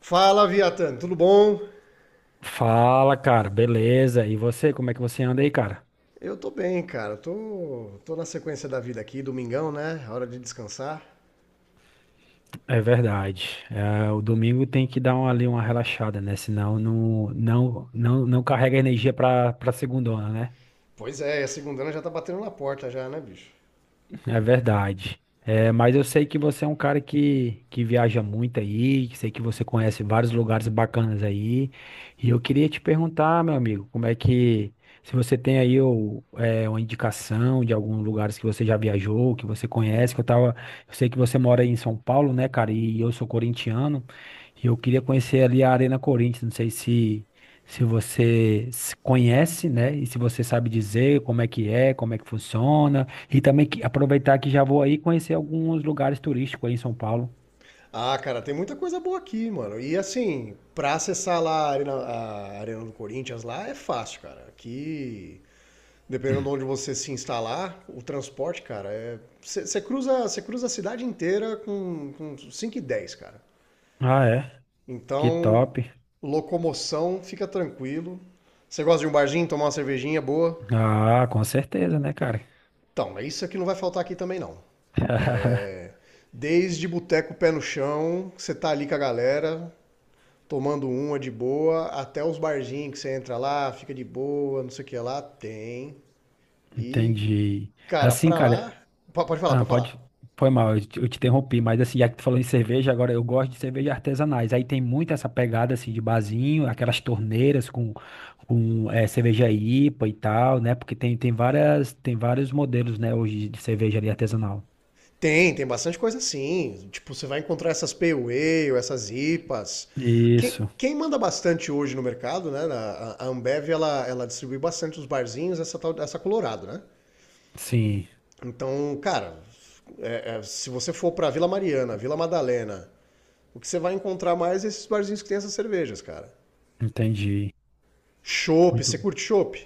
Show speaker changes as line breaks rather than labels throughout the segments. Fala, Viatan, tudo bom?
Fala, cara, beleza? E você, como é que você anda aí, cara?
Eu tô bem, cara. Tô na sequência da vida aqui, domingão, né? Hora de descansar.
É verdade. É, o domingo tem que dar ali uma relaxada, né? Senão não carrega energia pra segundona, né?
Pois é, a segunda já tá batendo na porta já, né, bicho?
É verdade. É, mas eu sei que você é um cara que viaja muito aí, que sei que você conhece vários lugares bacanas aí. E eu queria te perguntar, meu amigo, se você tem aí uma indicação de alguns lugares que você já viajou, que você conhece, eu sei que você mora aí em São Paulo, né, cara? E eu sou corintiano, e eu queria conhecer ali a Arena Corinthians, não sei se você se conhece, né? E se você sabe dizer como é que é, como é que funciona. E também aproveitar que já vou aí conhecer alguns lugares turísticos aí em São Paulo.
Ah, cara, tem muita coisa boa aqui, mano. E assim, pra acessar lá a Arena do Corinthians lá é fácil, cara. Aqui, dependendo de onde você se instalar, o transporte, cara, é. Você cruza a cidade inteira com 5 e 10, cara.
Ah, é? Que
Então,
top.
locomoção, fica tranquilo. Você gosta de um barzinho, tomar uma cervejinha boa?
Ah, com certeza, né, cara?
Então, é isso que não vai faltar aqui também não. Desde boteco pé no chão, que você tá ali com a galera, tomando uma de boa, até os barzinhos que você entra lá, fica de boa, não sei o que lá, tem. E,
Entendi.
cara,
Assim,
pra lá...
cara,
Pode falar,
ah,
pode
pode.
falar.
Foi mal, eu te interrompi, mas assim, já que tu falou em cerveja, agora eu gosto de cerveja artesanais. Aí tem muito essa pegada assim de barzinho, aquelas torneiras com, com cerveja IPA e tal, né? Porque tem vários modelos, né, hoje de cerveja ali artesanal.
Tem, tem bastante coisa assim. Tipo, você vai encontrar essas Pale Ale, essas IPAs. Quem,
Isso,
quem manda bastante hoje no mercado, né? A Ambev, ela distribui bastante os barzinhos, essa, essa Colorado, né?
sim,
Então, cara, é, se você for pra Vila Mariana, Vila Madalena, o que você vai encontrar mais é esses barzinhos que tem essas cervejas, cara.
entendi.
Chopp, você
Muito.
curte chopp?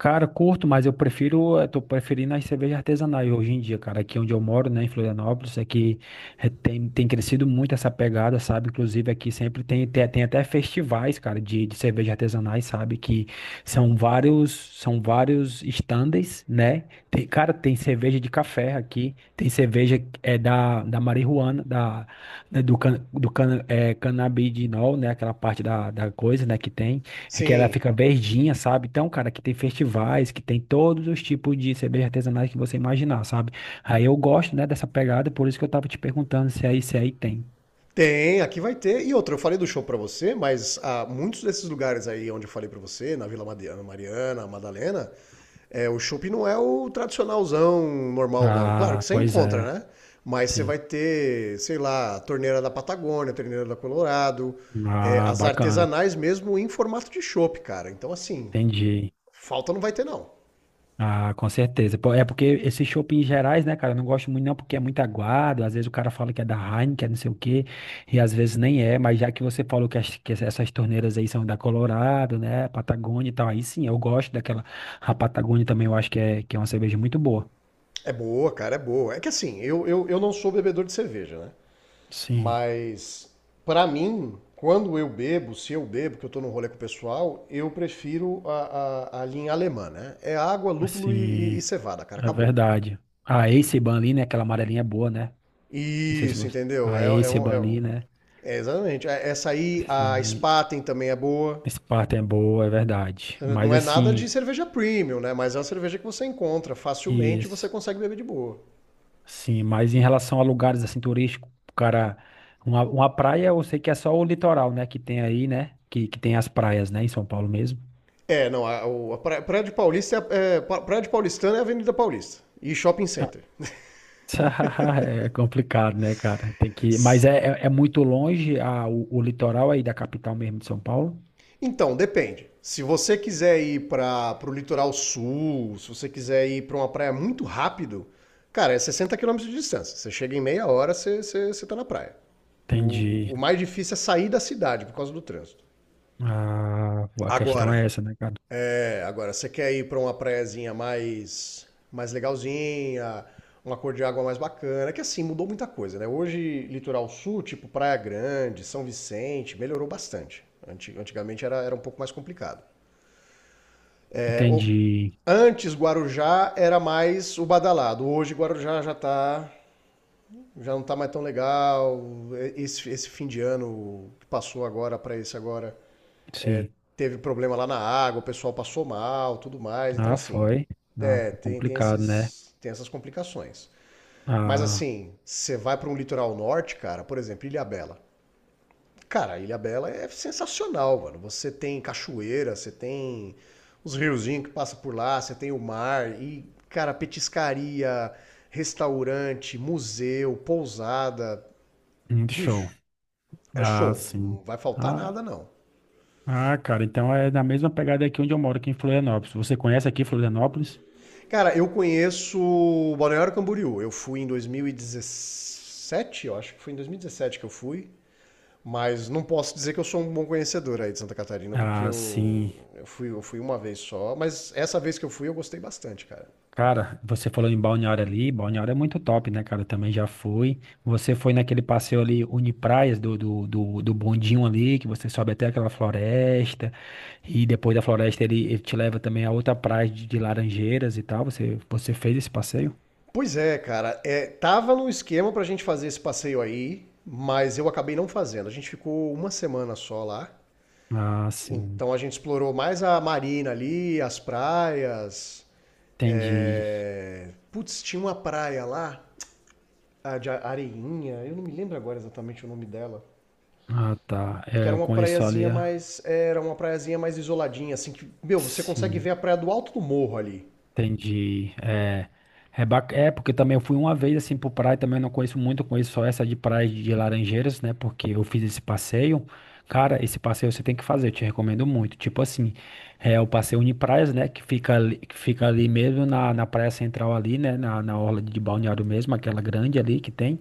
Cara, curto, mas eu tô preferindo as cervejas artesanais hoje em dia, cara. Aqui onde eu moro, né, em Florianópolis, aqui tem crescido muito essa pegada, sabe? Inclusive aqui sempre tem até festivais, cara, de cerveja artesanais, sabe? Que são vários, são vários stands, né? Tem, cara, tem cerveja de café aqui, tem cerveja da marihuana, da, né, do can, é, canabidinol, né? Aquela parte da coisa, né, que tem. É que ela
Sim.
fica verdinha, sabe? Então, cara, que tem festivais, que tem todos os tipos de cerveja artesanais que você imaginar, sabe? Aí eu gosto, né, dessa pegada, por isso que eu tava te perguntando se aí tem.
Tem, aqui vai ter. E outra, eu falei do show pra você, mas ah, muitos desses lugares aí onde eu falei pra você, na Vila Madiana, Mariana, Madalena, é, o shopping não é o tradicionalzão normal, não. Claro que
Ah,
você
pois
encontra,
é,
né? Mas você
sim.
vai ter, sei lá, a torneira da Patagônia, a torneira da Colorado, é,
Ah,
as
bacana.
artesanais mesmo em formato de chopp, cara. Então, assim,
Entendi.
falta não vai ter, não.
Ah, com certeza. Pô, é porque esses shoppings gerais, né, cara, eu não gosto muito não porque é muito aguado, às vezes o cara fala que é da Heineken, que é não sei o quê, e às vezes nem é, mas já que você falou que essas torneiras aí são da Colorado, né, Patagônia e tal, aí sim, eu gosto daquela, a Patagônia também eu acho que é uma cerveja muito boa.
É boa, cara, é boa. É que assim, eu não sou bebedor de cerveja, né?
Sim,
Mas, para mim, quando eu bebo, se eu bebo, que eu estou no rolê com o pessoal, eu prefiro a, a linha alemã, né? É água, lúpulo e,
sim,
e cevada, cara,
é
acabou.
verdade. A Ace ali, né, aquela amarelinha é boa, né, não sei se
Isso,
você...
entendeu?
A
É, é
Ace ali, né,
é exatamente. Essa aí, a
sim,
Spaten também é boa.
Sparta é boa, é verdade, mas
Não é nada de
assim...
cerveja premium, né? Mas é uma cerveja que você encontra facilmente e você
Isso.
consegue beber de boa.
Sim, mas em relação a lugares assim turísticos, cara, uma praia eu sei que é só o litoral, né, que tem aí, né, que tem as praias, né, em São Paulo mesmo.
É, não, a, a Praia de Paulista é, é, Praia de Paulistana é a Avenida Paulista e Shopping
Ah,
Center.
é complicado, né, cara? Tem que, mas é muito longe o litoral aí da capital mesmo de São Paulo?
Então, depende. Se você quiser ir para o litoral sul, se você quiser ir para uma praia muito rápido, cara, é 60 quilômetros de distância. Você chega em meia hora, você tá na praia. O,
Entendi.
o mais difícil é sair da cidade por causa do trânsito.
Ah, a questão é
Agora,
essa, né, cara?
é, agora você quer ir para uma praiazinha mais, mais legalzinha, uma cor de água mais bacana, que assim, mudou muita coisa, né? Hoje, litoral sul, tipo Praia Grande, São Vicente, melhorou bastante. Antigamente era, era um pouco mais complicado. É,
Entendi.
Antes Guarujá era mais o badalado. Hoje Guarujá já tá, já não tá mais tão legal. Esse fim de ano que passou agora para esse agora
Sim.
teve problema lá na água, o pessoal passou mal, tudo mais. Então
Ah,
assim,
foi. Ah,
é,
tá
tem tem
complicado, né?
esses tem essas complicações. Mas
Ah,
assim, você vai para um litoral norte, cara, por exemplo, Ilhabela. Cara, Ilha Bela é sensacional, mano. Você tem cachoeira, você tem os riozinhos que passam por lá, você tem o mar e, cara, petiscaria, restaurante, museu, pousada.
show.
Bicho, é
Ah,
show. Não
sim.
vai faltar nada,
Ah,
não.
Ah, cara, então é na mesma pegada aqui onde eu moro, aqui em Florianópolis. Você conhece aqui Florianópolis?
Cara, eu conheço Balneário Camboriú. Eu fui em 2017, eu acho que foi em 2017 que eu fui. Mas não posso dizer que eu sou um bom conhecedor aí de Santa Catarina, porque
Ah,
eu,
sim.
eu, fui, eu fui uma vez só, mas essa vez que eu fui eu gostei bastante, cara.
Cara, você falou em Balneário ali, Balneário é muito top, né, cara? Eu também já fui. Você foi naquele passeio ali, Unipraias, do bondinho ali, que você sobe até aquela floresta, e depois da floresta ele te leva também a outra praia de Laranjeiras e tal. Você fez esse passeio?
Pois é, cara, é, tava no esquema pra gente fazer esse passeio aí, mas eu acabei não fazendo. A gente ficou uma semana só lá,
Ah, sim.
então a gente explorou mais a marina ali, as praias.
Entendi.
É, putz, tinha uma praia lá, a de Areinha, eu não me lembro agora exatamente o nome dela.
Ah, tá.
Que
É,
era
eu
uma
conheço
praiazinha
ali, ah,
mais. Era uma praiazinha mais isoladinha, assim, que. Meu, você consegue
sim.
ver a praia do alto do morro ali.
Entendi. Porque também eu fui uma vez assim pro praia, também eu não conheço muito, eu conheço só essa de praia de Laranjeiras, né? Porque eu fiz esse passeio. Cara, esse passeio você tem que fazer, eu te recomendo muito. Tipo assim, é o passeio Unipraias, né? Que fica ali mesmo na praia central ali, né? Na orla de Balneário mesmo, aquela grande ali que tem.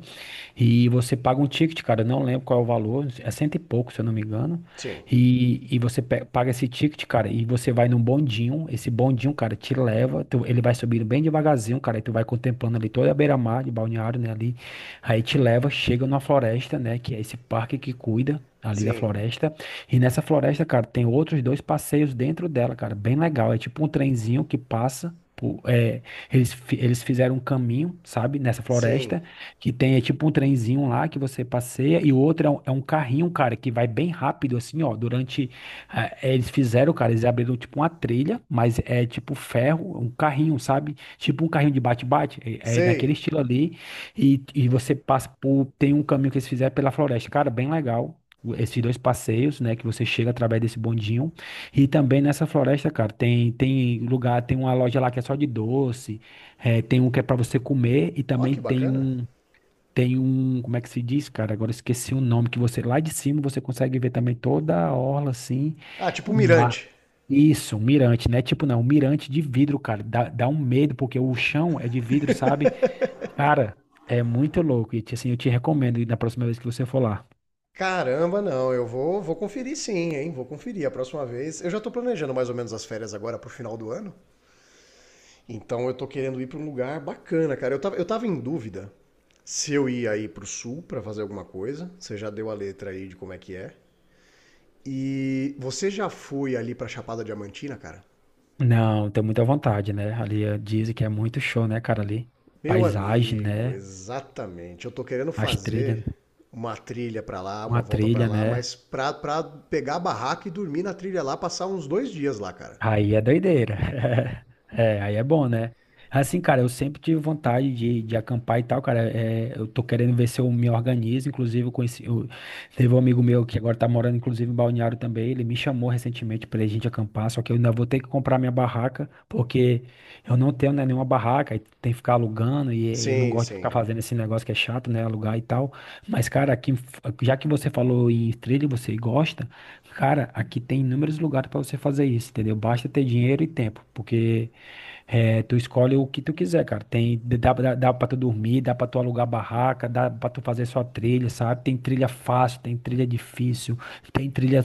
E você paga um ticket, cara, não lembro qual é o valor, é cento e pouco, se eu não me engano.
Sim,
E você paga esse ticket, cara, e você vai num bondinho. Esse bondinho, cara, te leva, ele vai subindo bem devagarzinho, cara, e tu vai contemplando ali toda a beira-mar de Balneário, né, ali. Aí te leva, chega numa floresta, né, que é esse parque que cuida ali da
sim,
floresta. E nessa floresta, cara, tem outros dois passeios dentro dela, cara, bem legal. É tipo um trenzinho que passa. Eles fizeram um caminho, sabe, nessa
sim.
floresta. Que tem, é tipo um trenzinho lá que você passeia e o outro é um carrinho, um cara, que vai bem rápido, assim, ó. Durante. Ah, eles fizeram, cara, eles abriram tipo uma trilha, mas é tipo ferro, um carrinho, sabe? Tipo um carrinho de bate-bate, é naquele
Sei.
estilo ali. E você passa por. Tem um caminho que eles fizeram pela floresta, cara, bem legal. Esses dois passeios, né, que você chega através desse bondinho. E também nessa floresta, cara, tem lugar, tem uma loja lá que é só de doce, tem um que é para você comer e
Ó,
também
que
tem
bacana.
um. Tem um, como é que se diz, cara? Agora eu esqueci o nome, que você lá de cima você consegue ver também toda a orla assim,
Ah, tipo um
o mar.
mirante.
Isso, um mirante, né? Tipo, não, um mirante de vidro, cara. Dá um medo, porque o chão é de vidro, sabe? Cara, é muito louco. E assim, eu te recomendo ir na próxima vez que você for lá.
Caramba, não, vou conferir sim, hein? Vou conferir a próxima vez. Eu já tô planejando mais ou menos as férias agora pro final do ano. Então eu tô querendo ir pra um lugar bacana, cara. Eu tava em dúvida se eu ia aí pro sul pra fazer alguma coisa. Você já deu a letra aí de como é que é. E você já foi ali pra Chapada Diamantina, cara?
Não, tem muita vontade, né? Ali dizem que é muito show, né, cara? Ali,
Meu
paisagem,
amigo,
né?
exatamente. Eu tô querendo
As trilhas,
fazer uma trilha pra lá, uma
uma
volta pra
trilha,
lá,
né?
mas pra pegar a barraca e dormir na trilha lá, passar uns dois dias lá, cara.
Aí é doideira. É, aí é bom, né? Assim, cara, eu sempre tive vontade de acampar e tal, cara. É, eu tô querendo ver se eu me organizo. Inclusive, teve um amigo meu que agora tá morando, inclusive, em Balneário também. Ele me chamou recentemente pra gente acampar, só que eu ainda vou ter que comprar minha barraca, porque eu não tenho, né, nenhuma barraca, e tem que ficar alugando, e eu não
Sim,
gosto de ficar
sim.
fazendo esse negócio que é chato, né? Alugar e tal. Mas, cara, aqui, já que você falou em trilha, e você gosta. Cara, aqui tem inúmeros lugares para você fazer isso, entendeu? Basta ter dinheiro e tempo, porque tu escolhe o que tu quiser, cara. Tem, dá para tu dormir, dá para tu alugar barraca, dá para tu fazer sua trilha, sabe? Tem trilha fácil, tem trilha difícil, tem trilha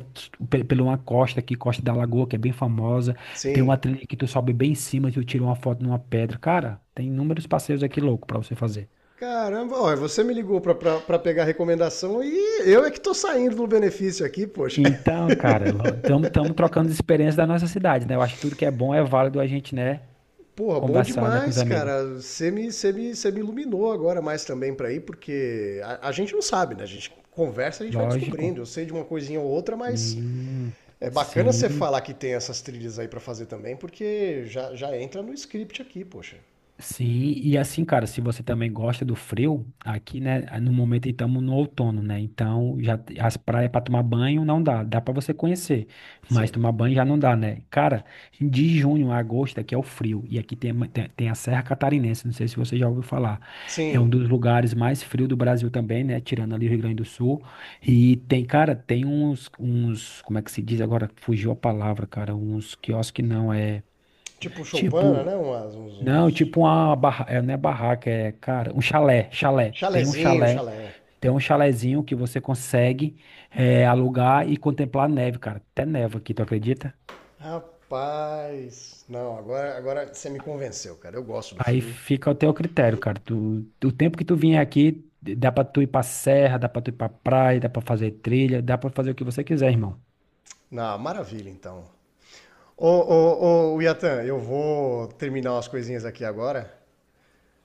pela uma costa aqui, Costa da Lagoa, que é bem famosa. Tem uma
Sim.
trilha que tu sobe bem em cima, tu tira uma foto numa pedra. Cara, tem inúmeros passeios aqui louco para você fazer.
Caramba, ó, você me ligou pra pegar a recomendação e eu é que tô saindo do benefício aqui, poxa.
Então, cara, estamos trocando as experiências da nossa cidade, né? Eu acho que tudo que é bom é válido a gente, né?
Porra, bom
Conversar, né, com os
demais,
amigos.
cara. Você me iluminou agora mais também pra ir, porque a gente não sabe, né? A gente conversa, a gente vai
Lógico.
descobrindo. Eu sei de uma coisinha ou outra, mas
Hum,
é bacana você
sim.
falar que tem essas trilhas aí pra fazer também, porque já entra no script aqui, poxa.
Sim, e assim, cara, se você também gosta do frio, aqui, né, no momento estamos no outono, né? Então, as praias para tomar banho não dá, dá para você conhecer, mas
Sim.
tomar banho já não dá, né? Cara, de junho a agosto aqui é o frio, e aqui tem a Serra Catarinense, não sei se você já ouviu falar. É um
Sim.
dos lugares mais frios do Brasil também, né? Tirando ali o Rio Grande do Sul. E tem, cara, tem uns, como é que se diz agora? Fugiu a palavra, cara, uns quiosques não, é
Tipo Choupana, né?
tipo.
Umas, uns,
Não,
uns...
tipo uma barra, é, não é barraca, é, cara, um chalé, chalé. Tem um
Chalezinho,
chalé,
chalé.
tem um chalézinho que você consegue alugar e contemplar a neve, cara. Até neva aqui, tu acredita?
Rapaz. Não, agora você me convenceu, cara. Eu gosto do
Aí
frio.
fica ao teu critério, cara. Tu, o tempo que tu vier aqui, dá pra tu ir pra serra, dá pra tu ir pra praia, dá pra fazer trilha, dá pra fazer o que você quiser, irmão.
Na maravilha, então. Yatan, eu vou terminar umas coisinhas aqui agora,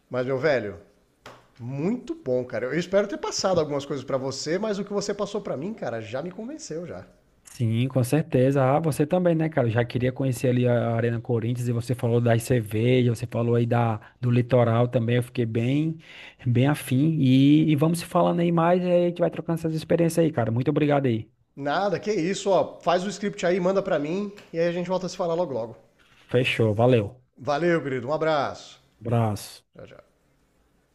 mas meu velho, muito bom, cara. Eu espero ter passado algumas coisas pra você, mas o que você passou pra mim, cara, já me convenceu já.
Sim, com certeza. Ah, você também, né, cara? Eu já queria conhecer ali a Arena Corinthians e você falou das cervejas, você falou aí da, do litoral também. Eu fiquei bem, bem afim. E vamos se falando aí mais e aí a gente vai trocando essas experiências aí, cara. Muito obrigado aí.
Nada, que isso, ó. Faz o script aí, manda pra mim e aí a gente volta a se falar logo logo.
Fechou, valeu.
Valeu, querido. Um abraço.
Abraço.
Tchau, tchau.